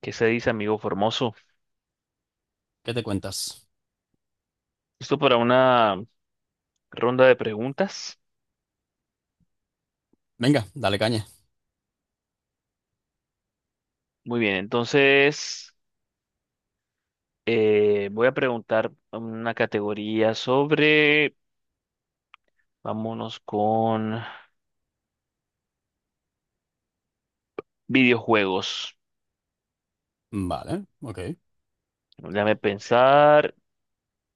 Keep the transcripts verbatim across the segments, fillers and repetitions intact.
¿Qué se dice, amigo Formoso? ¿Qué te cuentas? Esto para una ronda de preguntas. Venga, dale caña. Muy bien, entonces eh, voy a preguntar una categoría sobre, vámonos con videojuegos. Vale, ok, Déjame pensar,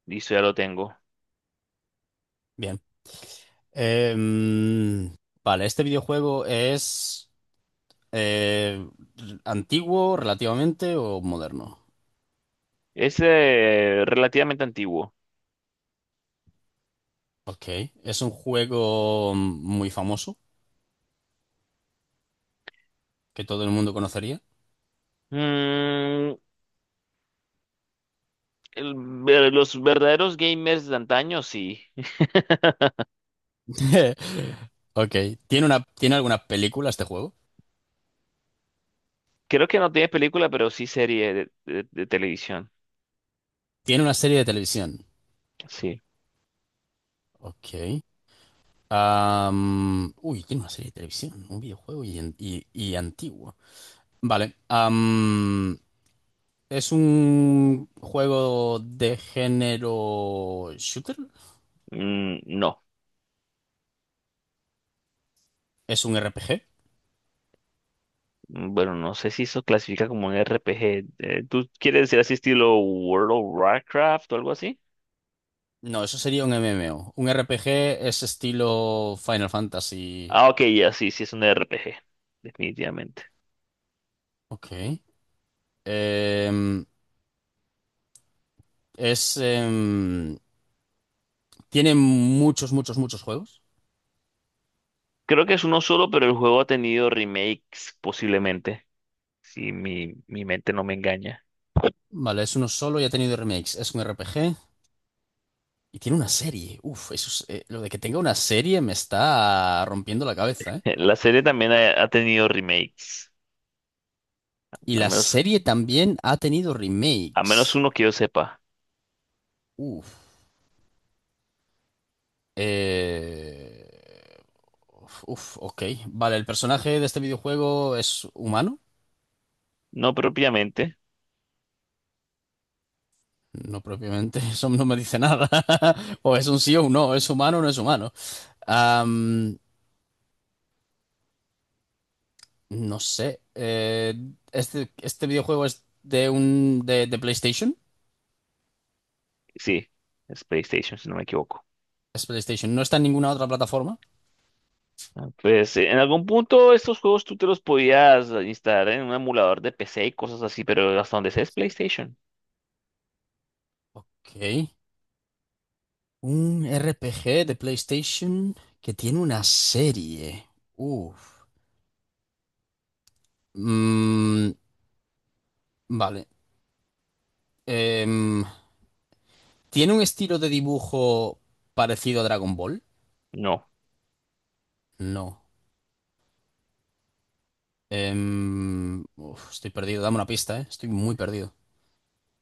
listo, ya lo tengo. bien. Em, vale, ¿este videojuego es eh, antiguo relativamente o moderno? Es eh, relativamente antiguo. Ok, es un juego muy famoso que todo el mundo conocería. Mm, el- ver- los verdaderos gamers de antaño, sí. Ok, ¿tiene una, ¿tiene alguna película este juego? Creo que no tiene película, pero sí serie de, de- de televisión. Tiene una serie de televisión. Sí. Ok. Am, uy, tiene una serie de televisión, un videojuego y, y- y antiguo. Vale. am, Es un juego de género shooter. Mm, no. Es un R P G. Mm, bueno, no sé si eso clasifica como un R P G. Eh, ¿tú quieres decir así estilo World of Warcraft o algo así? No, eso sería un M M O. Un R P G es estilo Final Fantasy. Ah, ok, ya sí, sí es un R P G, definitivamente. Ok. Em, es. em, Tiene muchos, muchos, muchos juegos. Creo que es uno solo, pero el juego ha tenido remakes posiblemente, si mi, mi mente no me engaña. Vale, es uno solo y ha tenido remakes. Es un R P G y tiene una serie. Uf, eso es- eh, lo de que tenga una serie me está rompiendo la cabeza, ¿eh? La serie también ha, ha tenido remakes, Y al la menos, serie también ha tenido al menos remakes. uno que yo sepa. Uf. Eh... Uf, uf, ok. Vale, el personaje de este videojuego es humano. No propiamente, No propiamente, eso no me dice nada. O es un sí o un no, es humano o no es humano. Am, no sé. Eh, este, este videojuego es de un de, de PlayStation. sí, es PlayStation, si no me equivoco. Es PlayStation. No está en ninguna otra plataforma. Ah, pues eh, en algún punto estos juegos tú te los podías instalar en un emulador de P C y cosas así, pero hasta donde sé es PlayStation. Ok. Un R P G de PlayStation que tiene una serie. Uf. Mm, vale. Em, ¿Tiene un estilo de dibujo parecido a Dragon Ball? No. No. Em, uf, estoy perdido, dame una pista, ¿eh? Estoy muy perdido.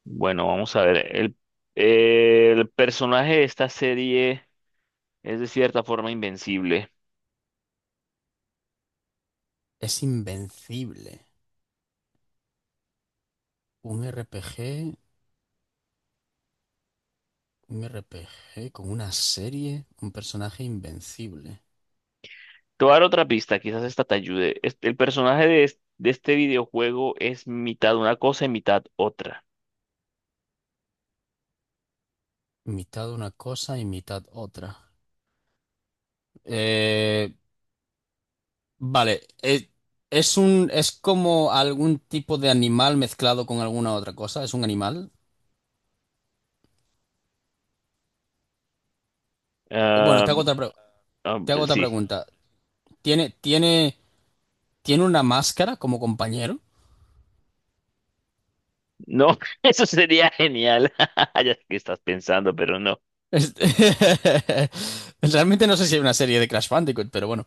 Bueno, vamos a ver. El, eh, el personaje de esta serie es de cierta forma invencible. Es invencible. Un R P G, un R P G con una serie, un personaje invencible. Te voy a dar otra pista, quizás esta te ayude. Es- el personaje de, es- de este videojuego es mitad una cosa y mitad otra. Mitad una cosa y mitad otra. Eh, vale, eh, es un, es como algún tipo de animal mezclado con alguna otra cosa. ¿Es un animal? Bueno, Ah, te hago otra, pre- ah, te hago pues otra sí. pregunta. ¿Tiene, tiene ¿Tiene una máscara como compañero? No, eso sería genial. Ya sé que estás pensando, pero no. Este- realmente no sé si hay una serie de Crash Bandicoot, pero bueno.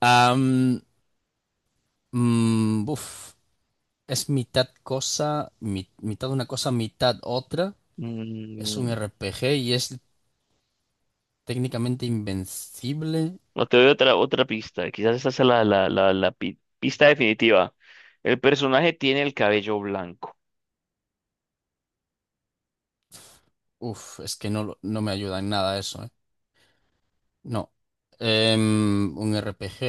Am, mm, uf, es mitad cosa, mi- mitad una cosa, mitad otra. Es un Mm, R P G y es técnicamente invencible. No te doy otra, otra pista. Quizás esa sea la, la, la, la pi- pista definitiva. El personaje tiene el cabello blanco. Uf, es que no, lo- no me ayuda en nada eso, eh. No. Em, un R P G,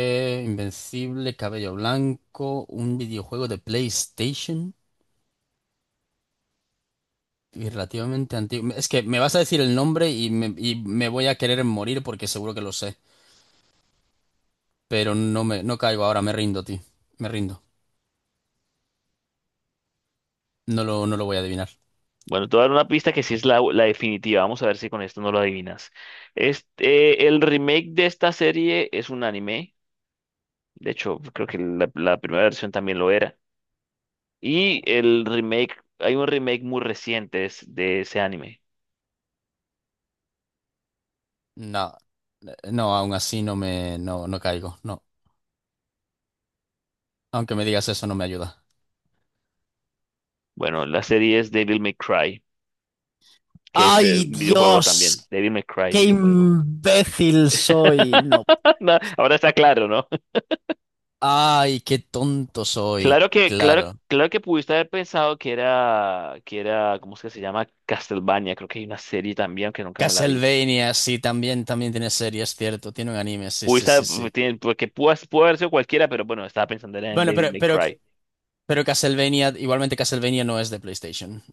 invencible, cabello blanco, un videojuego de PlayStation. Y relativamente antiguo. Es que me vas a decir el nombre y me, y me voy a querer morir porque seguro que lo sé. Pero no me, no caigo ahora, me rindo, tío. Me rindo. No lo, no lo voy a adivinar. Bueno, te voy a dar una pista que sí es la, la definitiva. Vamos a ver si con esto no lo adivinas. Este, el remake de esta serie es un anime. De hecho, creo que la, la primera versión también lo era. Y el remake, hay un remake muy reciente es- de ese anime. No, eh, no, aún así no me, no, no caigo. No. Aunque me digas eso, no me ayuda. Bueno, la serie es Devil May Cry, que es eh, ¡Ay, un videojuego también. Dios! Devil May Cry, ¡Qué videojuego. imbécil soy! No. No, ahora está claro, ¿no? Ay, qué tonto soy. Claro que, claro, Claro. claro que pudiste haber pensado que era, que era, ¿cómo es que se llama? Castlevania, creo que hay una serie también, aunque nunca me la vi. Castlevania, sí, también, también tiene series, cierto. Tiene un anime, sí, sí, Pudiste, sí, haber- pu- sí. tiene- Porque pudo, pudo haber sido cualquiera, pero bueno, estaba pensando era en Bueno, David pero, May pero Cry. Pero Castlevania, igualmente Castlevania no es de PlayStation,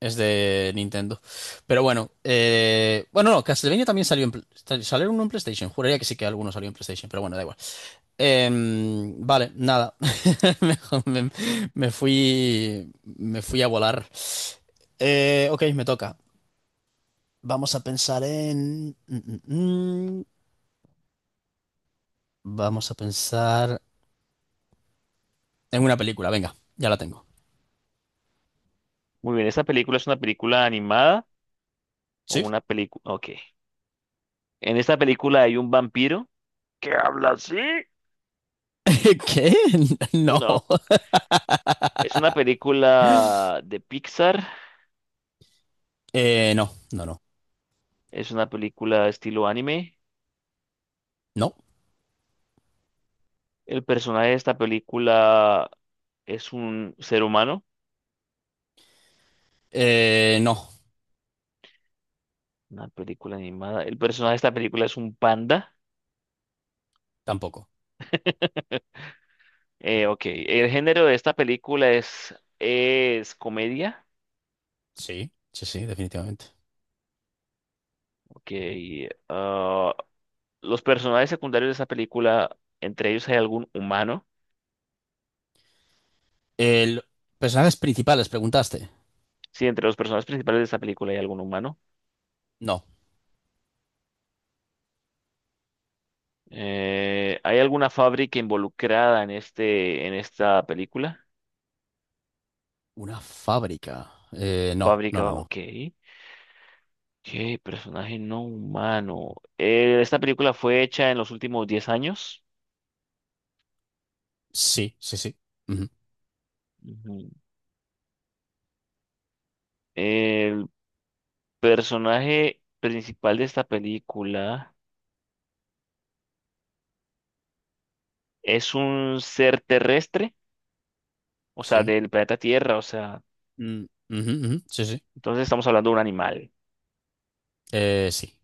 es de Nintendo. Pero bueno, eh, bueno, no, Castlevania también salió en, pl- salió uno en PlayStation. Juraría que sí que alguno salió en PlayStation, pero bueno, da igual. Em, vale, nada. Me, me- Me fui, me fui a volar. Eh, ok, me toca. Vamos a pensar en... mm, mm, mm. Vamos a pensar en una película, venga, ya la tengo. Muy bien, ¿esta película es una película animada o ¿Sí? una película? Ok. En esta película hay un vampiro que habla así. ¿Qué? No. No. Es una película de Pixar. Eh, no, no, no. Es una película estilo anime. No. El personaje de esta película es un ser humano. Eh, no, Una película animada. El personaje de esta película es un panda. tampoco. Eh, ok. El género de esta película es, es comedia. Sí, sí, sí, definitivamente. Ok. Ah, los personajes secundarios de esta película, entre ellos hay algún humano. El, Personajes principales, preguntaste. Sí, entre los personajes principales de esta película hay algún humano. No. Eh, ¿hay alguna fábrica involucrada en este, en esta película? Una fábrica. Eh, no, no, no, Fábrica, no. ok. ¿Qué personaje no humano? Eh, esta película fue hecha en los últimos diez años. Sí, sí, sí. Ujú, Ujú. El personaje principal de esta película es un ser terrestre, o sea, sí. del planeta Tierra, o sea, Mm, ujú, ujú, sí, sí. entonces estamos hablando de un animal. Eh, sí.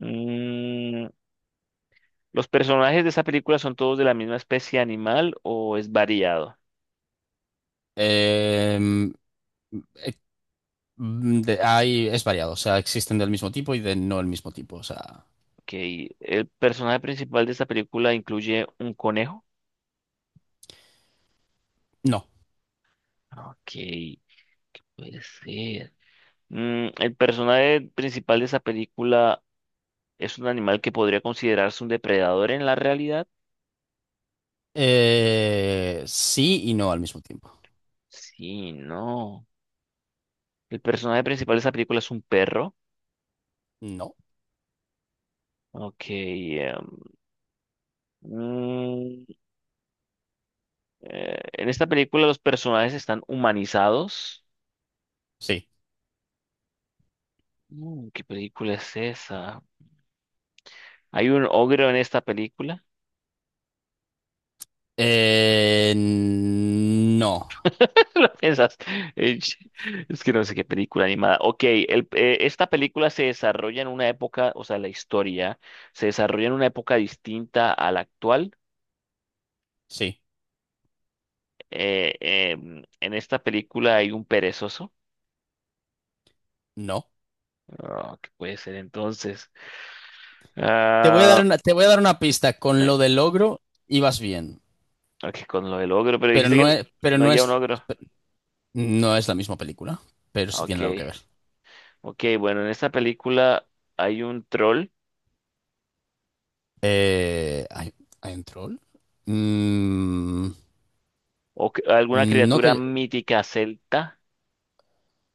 Mm, ¿los personajes de esta película son todos de la misma especie animal o es variado? Em, eh, mm, de- Hay, es variado. O sea, existen del mismo tipo y de no el mismo tipo. O sea, Ok, el personaje principal de esta película incluye un conejo. no. Ok, puede ser. Mm, el personaje principal de esa película es un animal que podría considerarse un depredador en la realidad. Eh, sí y no al mismo tiempo. Sí, no. El personaje principal de esta película es un perro. No. Ok. em, mm, eh, en esta película los personajes están humanizados. Sí. Mm, ¿qué película es esa? ¿Hay un ogro en esta película? Eh, no. ¿Lo piensas? Eh, Es que no sé qué película animada. Ok, el- eh, esta película se desarrolla en una época, o sea, la historia se desarrolla en una época distinta a la actual. Sí. Eh, em, en esta película hay un perezoso. No. Ah, ¿qué puede ser entonces? Te voy a Ah, dar una, Te voy a dar una pista. Con no, lo del ogro ibas bien, ok, con lo del ogro, pero pero dijiste no que es, pero no no había un es, ogro. no es la misma película, pero Ah, sí ok, tiene algo que ver. ok, bueno, en esta película hay un troll Eh, ¿hay, ¿Hay un troll? Mm, o c- alguna no criatura que mítica celta.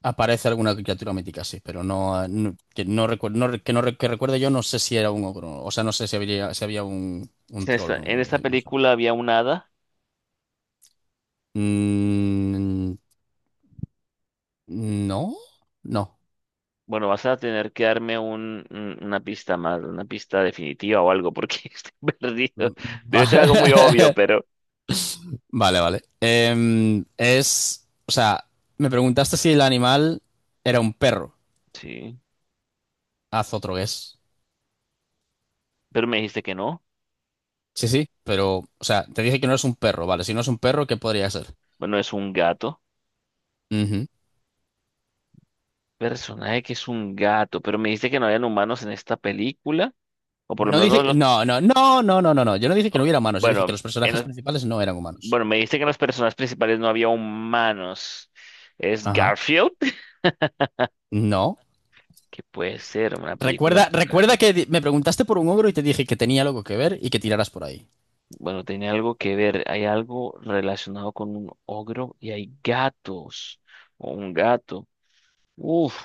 aparece alguna criatura mítica, sí, pero no, no- que no recuerdo, no, re- que no re- que recuerde yo, no sé si era un ogro, o sea, no sé si habría, si había un, un En troll esta, o En algo esta así, no sé. película había un hada. Mm, no, no. Bueno, vas a tener que darme un, un- una pista más, una pista definitiva o algo, porque estoy perdido. Debe ser algo muy obvio, Va- pero vale, vale. Em, es, o sea, me preguntaste si el animal era un perro. sí. Haz otro guess. Pero me dijiste que no. Sí, sí, pero, o sea, te dije que no es un perro, vale. Si no es un perro, ¿qué podría ser? Bueno, es un gato. Ujú. Personaje que es un gato, pero me dijiste que no habían humanos en esta película. O por lo No menos no dije, los… No, no, no, no, no, no, no. Yo no dije que no hubiera humanos. Yo dije que Bueno, los en personajes los- principales no eran humanos. bueno, me dice que en los personajes principales no había humanos. ¿Es Ajá. Garfield? No. que puede ser? Una película Recuerda, con Recuerda gatos. que di- me preguntaste por un ogro y te dije que tenía algo que ver y que tiraras por ahí. Bueno, tenía algo que ver. Hay algo relacionado con un ogro y hay gatos. O un gato. Uf.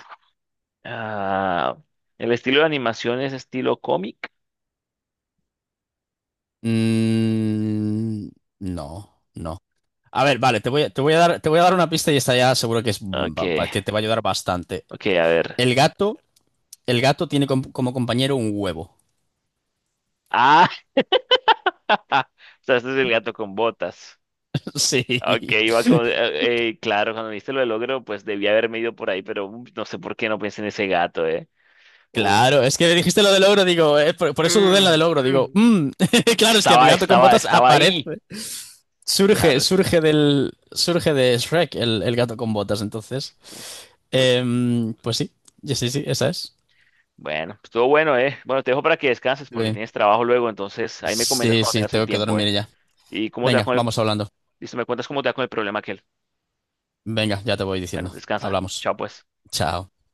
Ah, el estilo de animación es estilo cómic. Mm, no, no. A ver, vale, te voy, a- te voy a dar, te voy a dar una pista y esta ya seguro que es Ok, va- va- que te va a ayudar bastante. ok, a ver. El gato, el gato tiene com- como compañero un huevo. Ah, o sea, este es el gato con botas. Ok, Sí, iba con, eh, eh, claro, cuando me diste lo del logro, pues debía haberme ido por ahí, pero uh, no sé por qué no pensé en ese gato, ¿eh? Uh, claro, es que dijiste lo del ogro, digo, eh, por, por eso dudé en la mm, del ogro, digo, mm. mm, claro, es que el Estaba, gato con estaba, botas Estaba aparece, ahí. surge, Claro surge está. del, surge de Shrek el, el gato con botas, entonces, Uf, ok. Em, pues sí, sí, sí, sí, esa es. Bueno, estuvo bueno, ¿eh? Bueno, te dejo para que descanses porque Bien. tienes trabajo luego, entonces ahí me comentas Sí, cuando sí, tengas el tengo que tiempo, ¿eh? dormir ya. Y cómo te va Venga, con el, vamos hablando. listo, me cuentas cómo te va con el problema aquel. Venga, ya te voy Bueno, diciendo. descansa. Hablamos. Chao, pues. Chao.